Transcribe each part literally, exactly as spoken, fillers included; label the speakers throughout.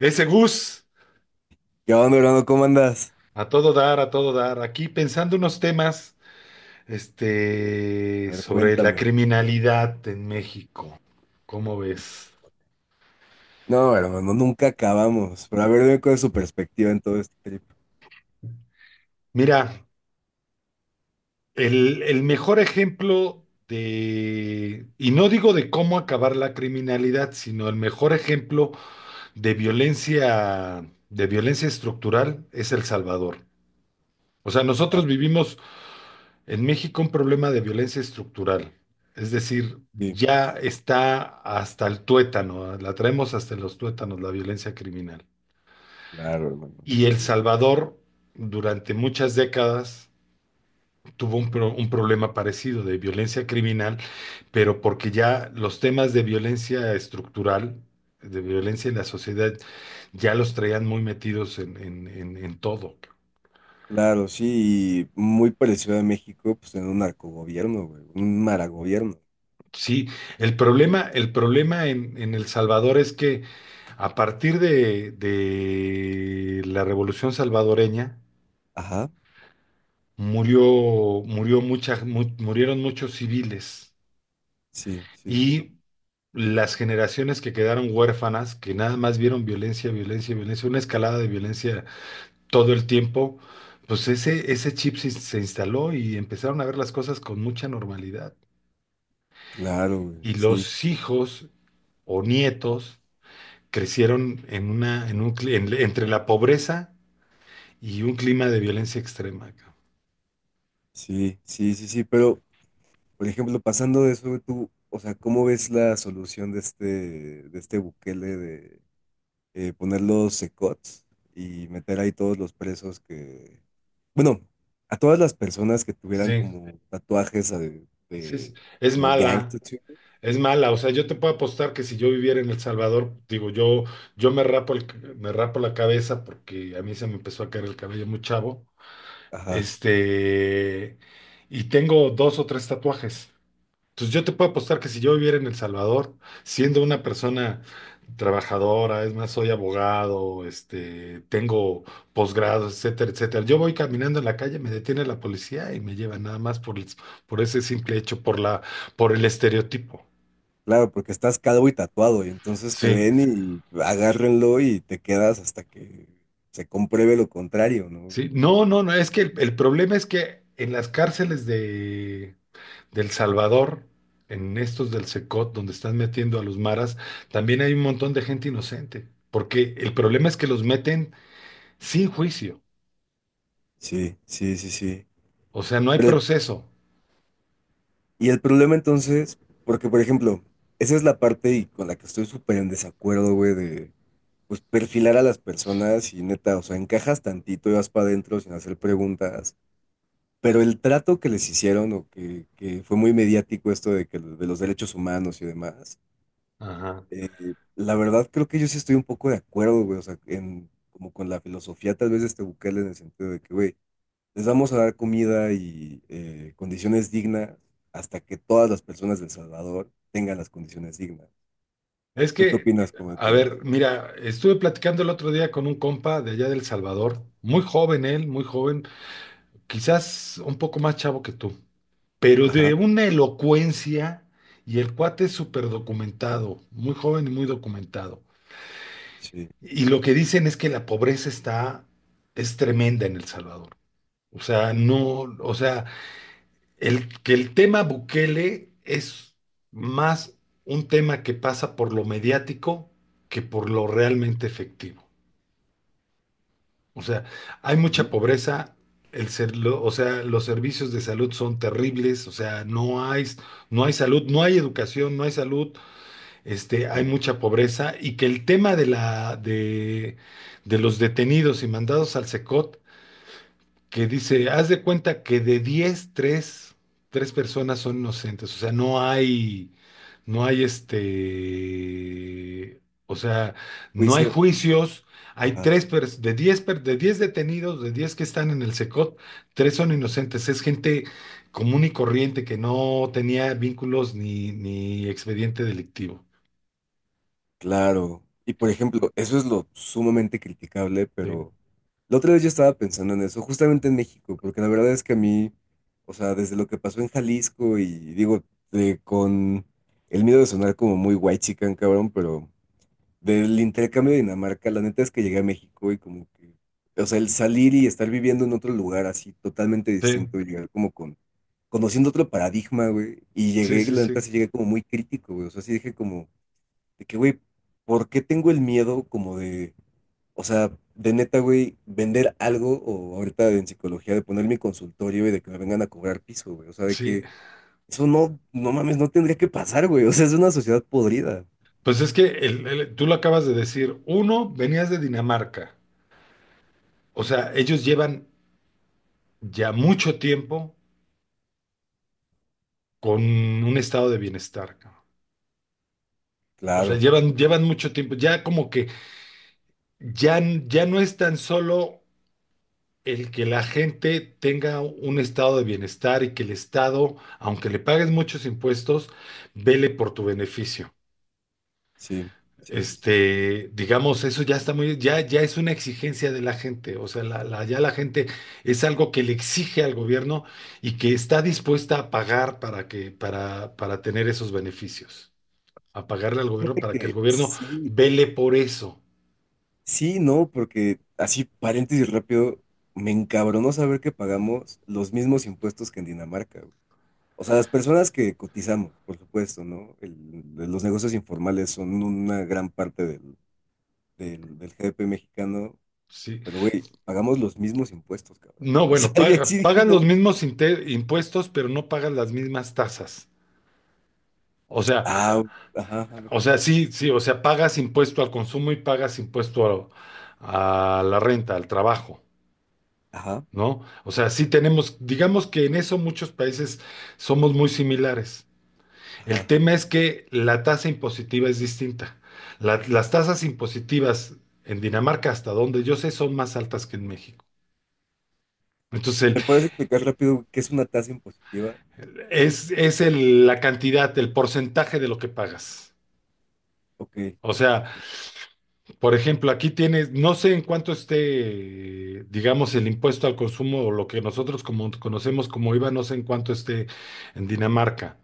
Speaker 1: Ese Gus,
Speaker 2: ¿Qué onda, hermano? ¿Cómo andas?
Speaker 1: a todo dar, a todo dar. Aquí pensando unos temas,
Speaker 2: A
Speaker 1: este,
Speaker 2: ver,
Speaker 1: sobre la
Speaker 2: cuéntame.
Speaker 1: criminalidad en México. ¿Cómo ves?
Speaker 2: No, hermano, no, nunca acabamos. Pero a ver, dime cuál es su perspectiva en todo este trip.
Speaker 1: Mira, el, el mejor ejemplo de, y no digo de cómo acabar la criminalidad, sino el mejor ejemplo de violencia, de violencia estructural es El Salvador. O sea, nosotros
Speaker 2: Claro,
Speaker 1: vivimos en México un problema de violencia estructural, es decir,
Speaker 2: sí,
Speaker 1: ya está hasta el tuétano, la traemos hasta los tuétanos, la violencia criminal.
Speaker 2: claro, hermano.
Speaker 1: Y El
Speaker 2: Sí.
Speaker 1: Salvador durante muchas décadas tuvo un, pro- un problema parecido de violencia criminal, pero porque ya los temas de violencia estructural, de violencia en la sociedad, ya los traían muy metidos en, en- en- en todo.
Speaker 2: Claro, sí, y muy parecido a México, pues en un narcogobierno, güey. Un maragobierno.
Speaker 1: Sí, el problema, el problema en en El Salvador es que a partir de, de la Revolución Salvadoreña,
Speaker 2: Ajá,
Speaker 1: murió, murió mucha- mu- murieron muchos civiles
Speaker 2: sí, sí, sí, sí.
Speaker 1: y las generaciones que quedaron huérfanas, que nada más vieron violencia, violencia, violencia, una escalada de violencia todo el tiempo, pues ese, ese chip se, se instaló y empezaron a ver las cosas con mucha normalidad.
Speaker 2: Claro, güey.
Speaker 1: Y
Speaker 2: Sí,
Speaker 1: los hijos o nietos crecieron en una, en un, cli- en- entre la pobreza y un clima de violencia extrema.
Speaker 2: sí, sí, sí, sí. Pero, por ejemplo, pasando de eso, güey, tú, o sea, ¿cómo ves la solución de este, de este Bukele de eh, poner los secots y meter ahí todos los presos que, bueno, a todas las personas que tuvieran
Speaker 1: Sí,
Speaker 2: como tatuajes de,
Speaker 1: sí, sí.
Speaker 2: de-
Speaker 1: Es
Speaker 2: como gang
Speaker 1: mala,
Speaker 2: tattoo.
Speaker 1: es mala. O sea, yo te puedo apostar que si yo viviera en El Salvador, digo, yo, yo me rapo el, me rapo la cabeza porque a mí se me empezó a caer el cabello muy chavo.
Speaker 2: Ajá.
Speaker 1: Este, y tengo dos o tres tatuajes. Entonces yo te puedo apostar que si yo viviera en El Salvador, siendo una persona trabajadora, es más, soy abogado, este, tengo posgrados, etcétera, etcétera. Yo voy caminando en la calle, me detiene la policía y me lleva nada más por, el- por ese simple hecho, por la, por el estereotipo.
Speaker 2: Claro, porque estás calvo y tatuado y entonces te
Speaker 1: Sí,
Speaker 2: ven y agárrenlo y te quedas hasta que se compruebe lo contrario, ¿no?
Speaker 1: sí. No, no, no, es que el, el problema es que en las cárceles de, de El Salvador, en estos del Secot, donde están metiendo a los maras, también hay un montón de gente inocente. Porque el problema es que los meten sin juicio.
Speaker 2: Sí, sí, sí, sí.
Speaker 1: O sea, no hay
Speaker 2: Pero
Speaker 1: proceso.
Speaker 2: y el problema entonces, porque por ejemplo, esa es la parte y con la que estoy súper en desacuerdo, güey, de pues perfilar a las personas y neta, o sea, encajas tantito y vas para adentro sin hacer preguntas. Pero el trato que les hicieron o que, que fue muy mediático esto de que de los derechos humanos y demás,
Speaker 1: Ajá.
Speaker 2: eh, la verdad creo que yo sí estoy un poco de acuerdo, güey, o sea, en, como con la filosofía tal vez de este Bukele en el sentido de que, güey, les vamos a dar comida y eh, condiciones dignas hasta que todas las personas de El Salvador tengan las condiciones dignas.
Speaker 1: Es
Speaker 2: ¿Tú qué
Speaker 1: que,
Speaker 2: opinas como de
Speaker 1: a
Speaker 2: todo eso?
Speaker 1: ver, mira, estuve platicando el otro día con un compa de allá del Salvador, muy joven él, muy joven, quizás un poco más chavo que tú, pero
Speaker 2: Ajá,
Speaker 1: de una elocuencia y el cuate es súper documentado, muy joven y muy documentado.
Speaker 2: sí.
Speaker 1: Y lo que dicen es que la pobreza está, es tremenda en El Salvador. O sea, no, o sea, el, que el tema Bukele es más un tema que pasa por lo mediático que por lo realmente efectivo. O sea, hay mucha
Speaker 2: Ujú,
Speaker 1: pobreza, el ser- lo- o sea, los servicios de salud son terribles, o sea, no hay, no hay salud, no hay educación, no hay salud, este, hay
Speaker 2: claro.
Speaker 1: mucha pobreza y que el tema de la, de, de los detenidos y mandados al S E C O T que dice, haz de cuenta que de diez tres tres personas son inocentes, o sea, no hay, no hay este, o sea, no hay
Speaker 2: Juicios.
Speaker 1: juicios, hay
Speaker 2: Ajá,
Speaker 1: tres, pers- de diez per- de diez detenidos, de diez que están en el S E C O T, tres son inocentes, es gente común y corriente que no tenía vínculos ni, ni expediente delictivo.
Speaker 2: claro. Y por ejemplo, eso es lo sumamente criticable,
Speaker 1: Sí,
Speaker 2: pero la otra vez yo estaba pensando en eso, justamente en México, porque la verdad es que a mí, o sea, desde lo que pasó en Jalisco y digo, eh, con el miedo de sonar como muy white chican, cabrón, pero del intercambio de Dinamarca, la neta es que llegué a México y como que, o sea, el salir y estar viviendo en otro lugar así totalmente
Speaker 1: sí,
Speaker 2: distinto y llegar como con, conociendo otro paradigma, güey. Y
Speaker 1: sí,
Speaker 2: llegué,
Speaker 1: sí,
Speaker 2: la neta
Speaker 1: sí.
Speaker 2: sí llegué como muy crítico, güey. O sea, sí dije como, de que, güey, ¿por qué tengo el miedo como de, o sea, de neta, güey, vender algo o ahorita en psicología de poner mi consultorio y de que me vengan a cobrar piso, güey? O sea, de
Speaker 1: Sí,
Speaker 2: que eso no, no mames, no tendría que pasar, güey. O sea, es una sociedad podrida.
Speaker 1: pues es que el- el- tú lo acabas de decir, uno, venías de Dinamarca. O sea, ellos llevan ya mucho tiempo con un estado de bienestar, cabrón. O sea,
Speaker 2: Claro,
Speaker 1: llevan, llevan mucho tiempo. Ya como que ya, ya no es tan solo el que la gente tenga un estado de bienestar y que el Estado, aunque le pagues muchos impuestos, vele por tu beneficio.
Speaker 2: sí, sí, sí, sí.
Speaker 1: Este, digamos, eso ya está muy, ya, ya es una exigencia de la gente, o sea, la, la- ya la gente es algo que le exige al gobierno y que está dispuesta a pagar para que, para, para tener esos beneficios, a pagarle al gobierno para que el
Speaker 2: Que
Speaker 1: gobierno
Speaker 2: sí,
Speaker 1: vele por eso,
Speaker 2: sí, no, porque así, paréntesis rápido, me encabronó saber que pagamos los mismos impuestos que en Dinamarca, güey. O sea, las personas que cotizamos, por supuesto, ¿no? El- los negocios informales son una gran parte del, del, del G D P mexicano,
Speaker 1: ¿sí?
Speaker 2: pero güey, pagamos los mismos impuestos, cabrón.
Speaker 1: No,
Speaker 2: O sea,
Speaker 1: bueno,
Speaker 2: yo sí
Speaker 1: paga,
Speaker 2: dije,
Speaker 1: pagan
Speaker 2: no,
Speaker 1: los
Speaker 2: ma-
Speaker 1: mismos inte- impuestos, pero no pagan las mismas tasas. O sea,
Speaker 2: ah, ajá, ajá,
Speaker 1: o sea, sí, sí, o sea, pagas impuesto al consumo y pagas impuesto a a la renta, al trabajo.
Speaker 2: ajá,
Speaker 1: ¿No? O sea, sí tenemos, digamos que en eso muchos países somos muy similares.
Speaker 2: ajá.
Speaker 1: El
Speaker 2: Ajá.
Speaker 1: tema es que la tasa impositiva es distinta. La- las tasas impositivas en Dinamarca, hasta donde yo sé, son más altas que en México. Entonces,
Speaker 2: ¿Me puedes explicar rápido qué es una tasa impositiva?
Speaker 1: el- es, es el- la cantidad, el porcentaje de lo que pagas.
Speaker 2: Ok.
Speaker 1: O sea, por ejemplo, aquí tienes, no sé en cuánto esté, eh, digamos, el impuesto al consumo o lo que nosotros como, conocemos como IVA, no sé en cuánto esté en Dinamarca.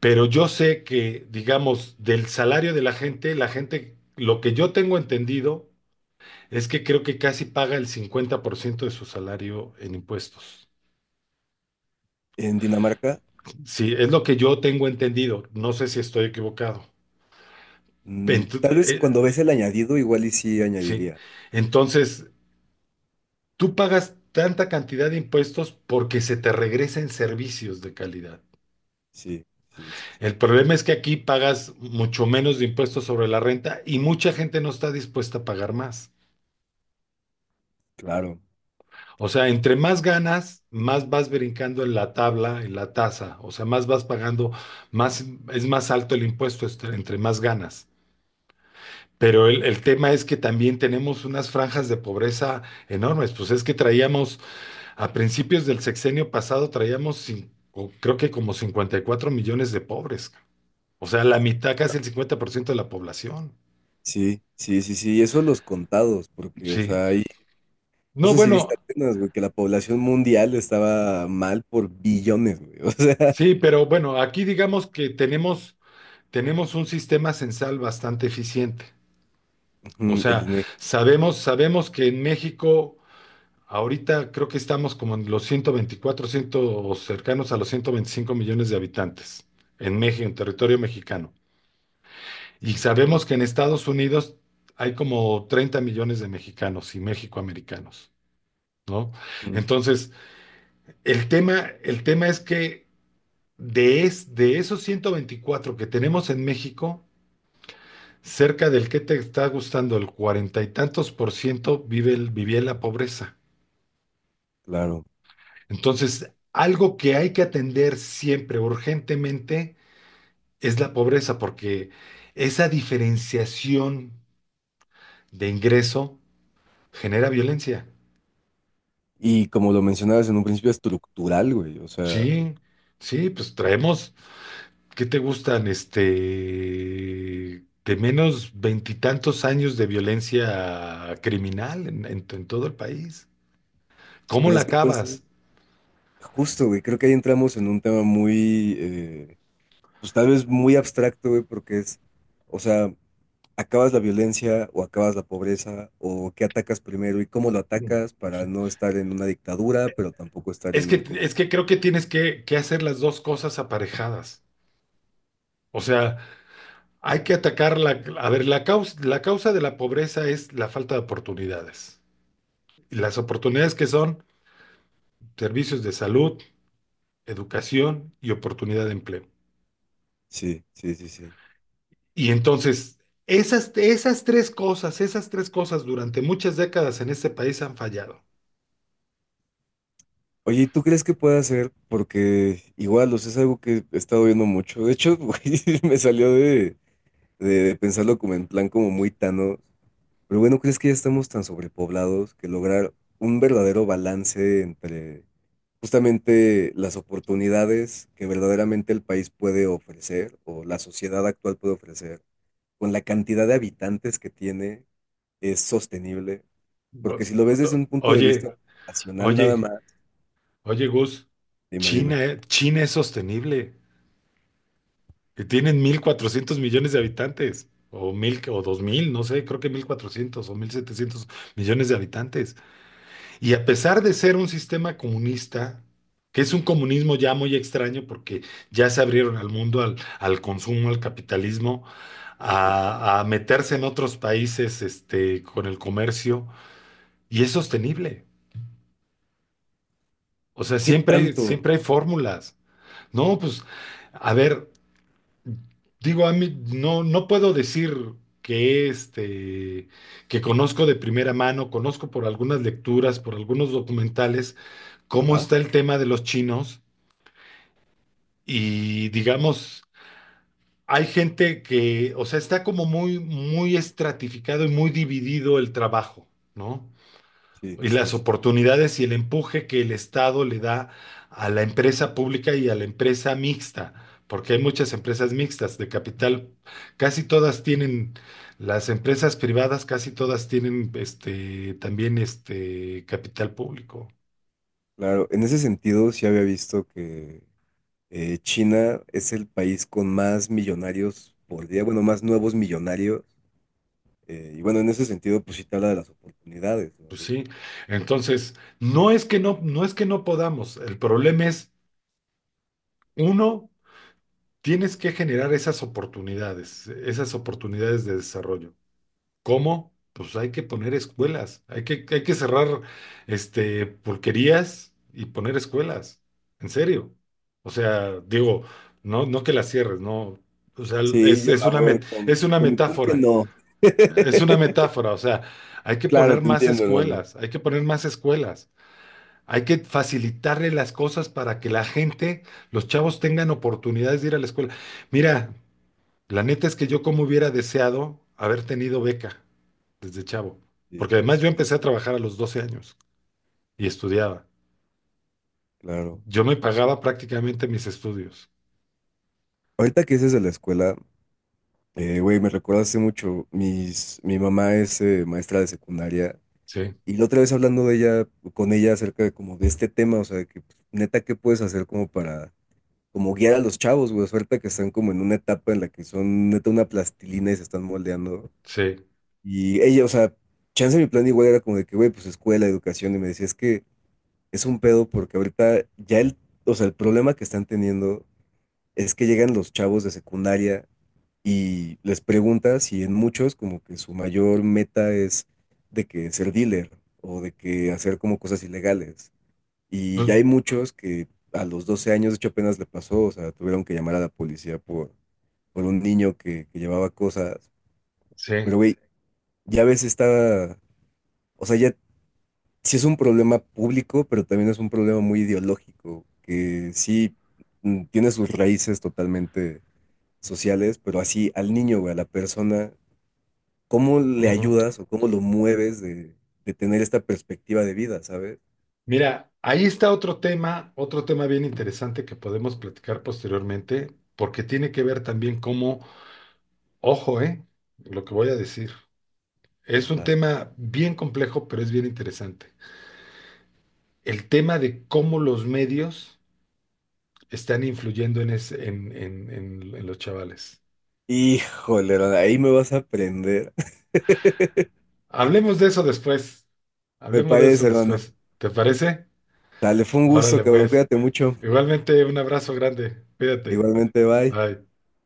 Speaker 1: Pero yo sé que, digamos, del salario de la gente, la gente, lo que yo tengo entendido es que creo que casi paga el cincuenta por ciento de su salario en impuestos.
Speaker 2: En Dinamarca
Speaker 1: Sí, es lo que yo tengo entendido. No sé si estoy equivocado.
Speaker 2: mm,
Speaker 1: Ent-
Speaker 2: tal vez
Speaker 1: eh,
Speaker 2: cuando ves el añadido, igual y sí
Speaker 1: sí.
Speaker 2: añadiría.
Speaker 1: Entonces, tú pagas tanta cantidad de impuestos porque se te regresen servicios de calidad.
Speaker 2: Sí, sí, sí, sí,
Speaker 1: El problema es que aquí pagas mucho menos de impuestos sobre la renta y mucha gente no está dispuesta a pagar más.
Speaker 2: claro.
Speaker 1: O sea, entre más ganas, más vas brincando en la tabla, en la tasa, o sea, más vas pagando, más es más alto el impuesto est- entre más ganas. Pero el, el tema es que también tenemos unas franjas de pobreza enormes. Pues es que traíamos, a principios del sexenio pasado, traíamos cin- o creo que como cincuenta y cuatro millones de pobres. O sea, la mitad, casi el cincuenta por ciento de la población.
Speaker 2: Sí, sí, sí, sí. Y eso los contados, porque, o
Speaker 1: Sí.
Speaker 2: sea, ahí. No
Speaker 1: No,
Speaker 2: sé si viste
Speaker 1: bueno,
Speaker 2: apenas, güey, que la población mundial estaba mal por billones, güey. O sea,
Speaker 1: sí, pero bueno, aquí digamos que tenemos tenemos un sistema censal bastante eficiente. O
Speaker 2: ujú, el
Speaker 1: sea,
Speaker 2: INEGI.
Speaker 1: sabemos, sabemos que en México ahorita creo que estamos como en los ciento veinticuatro, cien o cercanos a los ciento veinticinco millones de habitantes en México, en territorio mexicano. Y
Speaker 2: Sí, sí,
Speaker 1: sabemos
Speaker 2: sí.
Speaker 1: que en Estados Unidos hay como treinta millones de mexicanos y mexicoamericanos, ¿no?
Speaker 2: Mm,
Speaker 1: Entonces, el tema, el tema es que de, es, de esos ciento veinticuatro que tenemos en México, cerca del que te está gustando el cuarenta y tantos por ciento vive el- vivía en la pobreza.
Speaker 2: claro.
Speaker 1: Entonces, algo que hay que atender siempre, urgentemente, es la pobreza, porque esa diferenciación de ingreso genera violencia.
Speaker 2: Y como lo mencionabas en un principio, estructural, güey. O sea,
Speaker 1: Sí, sí, pues traemos, ¿qué te gustan? Este, de menos veintitantos años de violencia criminal en, en en todo el país. ¿Cómo
Speaker 2: pues
Speaker 1: la
Speaker 2: es que entonces,
Speaker 1: acabas?
Speaker 2: justo, güey, creo que ahí entramos en un tema muy. Eh, pues tal vez muy abstracto, güey, porque es, o sea, acabas la violencia o acabas la pobreza o qué atacas primero y cómo lo atacas para
Speaker 1: Sí.
Speaker 2: no estar en una dictadura, pero tampoco estar
Speaker 1: Es
Speaker 2: en un
Speaker 1: que, es
Speaker 2: como...
Speaker 1: que creo que tienes que, que hacer las dos cosas aparejadas. O sea, hay que atacar la... A ver, la causa, la causa de la pobreza es la falta de oportunidades. Y las oportunidades que son servicios de salud, educación y oportunidad de empleo.
Speaker 2: Sí, sí, sí, sí.
Speaker 1: Y entonces, esas, esas tres cosas, esas tres cosas durante muchas décadas en este país han fallado.
Speaker 2: Oye, ¿y ¿tú crees que puede hacer? Porque igual, o sea, es algo que he estado viendo mucho. De hecho, güey, me salió de, de, de pensarlo como en plan como muy tano. Pero bueno, ¿crees que ya estamos tan sobrepoblados que lograr un verdadero balance entre justamente las oportunidades que verdaderamente el país puede ofrecer o la sociedad actual puede ofrecer con la cantidad de habitantes que tiene es sostenible? Porque
Speaker 1: Vos-
Speaker 2: si lo ves desde un punto de
Speaker 1: Oye,
Speaker 2: vista nacional nada
Speaker 1: oye,
Speaker 2: más,
Speaker 1: oye, Gus,
Speaker 2: dime, dime,
Speaker 1: China, eh, China es sostenible, que tienen mil cuatrocientos millones de habitantes, o mil, o dos mil no sé, creo que mil cuatrocientos o mil setecientos millones de habitantes. Y a pesar de ser un sistema comunista, que es un comunismo ya muy extraño porque ya se abrieron al mundo, al, al consumo, al capitalismo,
Speaker 2: sí.
Speaker 1: a, a meterse en otros países, este, con el comercio, y es sostenible. O sea,
Speaker 2: ¿Qué
Speaker 1: siempre hay,
Speaker 2: tanto?
Speaker 1: siempre hay fórmulas. No, pues, a ver, digo, a mí no, no puedo decir que este, que conozco de primera mano, conozco por algunas lecturas, por algunos documentales, cómo
Speaker 2: Ajá,
Speaker 1: está el tema de los chinos y digamos, hay gente que, o sea, está como muy, muy estratificado y muy dividido el trabajo, ¿no?
Speaker 2: sí,
Speaker 1: Y
Speaker 2: sí,
Speaker 1: las
Speaker 2: sí. Sí.
Speaker 1: oportunidades y el empuje que el Estado le da a la empresa pública y a la empresa mixta, porque hay muchas empresas mixtas de capital, casi todas tienen, las empresas privadas casi todas tienen este también este capital público.
Speaker 2: Claro, en ese sentido sí había visto que Eh, China es el país con más millonarios por día, bueno, más nuevos millonarios. Eh, y bueno, en ese sentido, pues sí te habla de las oportunidades, ¿no,
Speaker 1: Pues
Speaker 2: güey?
Speaker 1: sí. Entonces, no es que no, no es que no podamos, el problema es, uno, tienes que generar esas oportunidades, esas oportunidades de desarrollo. ¿Cómo? Pues hay que poner escuelas, hay que, hay que cerrar este, pulquerías y poner escuelas, en serio. O sea, digo, no, no que las cierres, no. O sea,
Speaker 2: Sí,
Speaker 1: es,
Speaker 2: yo,
Speaker 1: es
Speaker 2: a
Speaker 1: una
Speaker 2: ver,
Speaker 1: met-
Speaker 2: con,
Speaker 1: es una
Speaker 2: con mi pulque
Speaker 1: metáfora,
Speaker 2: no.
Speaker 1: es una metáfora, o sea, hay que
Speaker 2: Claro,
Speaker 1: poner
Speaker 2: te
Speaker 1: más
Speaker 2: entiendo, hermano.
Speaker 1: escuelas, hay que poner más escuelas, hay que facilitarle las cosas para que la gente, los chavos tengan oportunidades de ir a la escuela. Mira, la neta es que yo como hubiera deseado haber tenido beca desde chavo.
Speaker 2: Sí,
Speaker 1: Porque además
Speaker 2: sí,
Speaker 1: yo
Speaker 2: sí,
Speaker 1: empecé a trabajar a los doce años y estudiaba.
Speaker 2: claro.
Speaker 1: Yo me pagaba prácticamente mis estudios.
Speaker 2: Ahorita que dices de la escuela, eh, güey, me recuerda hace mucho. Mis, mi mamá es eh, maestra de secundaria
Speaker 1: Sí,
Speaker 2: y la otra vez hablando de ella, con ella acerca de como de este tema, o sea, de que pues, neta, ¿qué puedes hacer como para como guiar a los chavos, güey, suerte que están como en una etapa en la que son neta una plastilina y se están moldeando.
Speaker 1: sí,
Speaker 2: Y ella, o sea, chance mi plan igual era como de que, güey, pues escuela, educación, y me decía, es que es un pedo porque ahorita ya el, o sea, el problema que están teniendo es que llegan los chavos de secundaria y les preguntas y en muchos como que su mayor meta es de que ser dealer o de que hacer como cosas ilegales. Y
Speaker 1: pues,
Speaker 2: ya hay muchos que a los doce años, de hecho, apenas le pasó, o sea, tuvieron que llamar a la policía por, por un niño que, que llevaba cosas.
Speaker 1: sí.
Speaker 2: Pero, güey, ya ves, está, o sea, ya sí es un problema público, pero también es un problema muy ideológico, que sí mm, tiene sus raíces totalmente sociales, pero así al niño, güey, a la persona, ¿cómo le
Speaker 1: Ujú.
Speaker 2: ayudas o cómo lo mueves de, de tener esta perspectiva de vida, ¿sabes?
Speaker 1: Mira, ahí está otro tema, otro tema bien interesante que podemos platicar posteriormente, porque tiene que ver también cómo, ojo, eh, lo que voy a decir. Es un
Speaker 2: Ajá.
Speaker 1: tema bien complejo, pero es bien interesante. El tema de cómo los medios están influyendo en, ese- en en- en- en los chavales.
Speaker 2: Híjole, ahí me vas a aprender.
Speaker 1: Hablemos de eso después.
Speaker 2: Me
Speaker 1: Hablemos de eso
Speaker 2: parece, hermano.
Speaker 1: después. ¿Te parece?
Speaker 2: Dale, fue un gusto,
Speaker 1: Órale,
Speaker 2: cabrón.
Speaker 1: pues.
Speaker 2: Cuídate mucho.
Speaker 1: Igualmente, un abrazo grande. Cuídate.
Speaker 2: Igualmente, bye.
Speaker 1: Bye.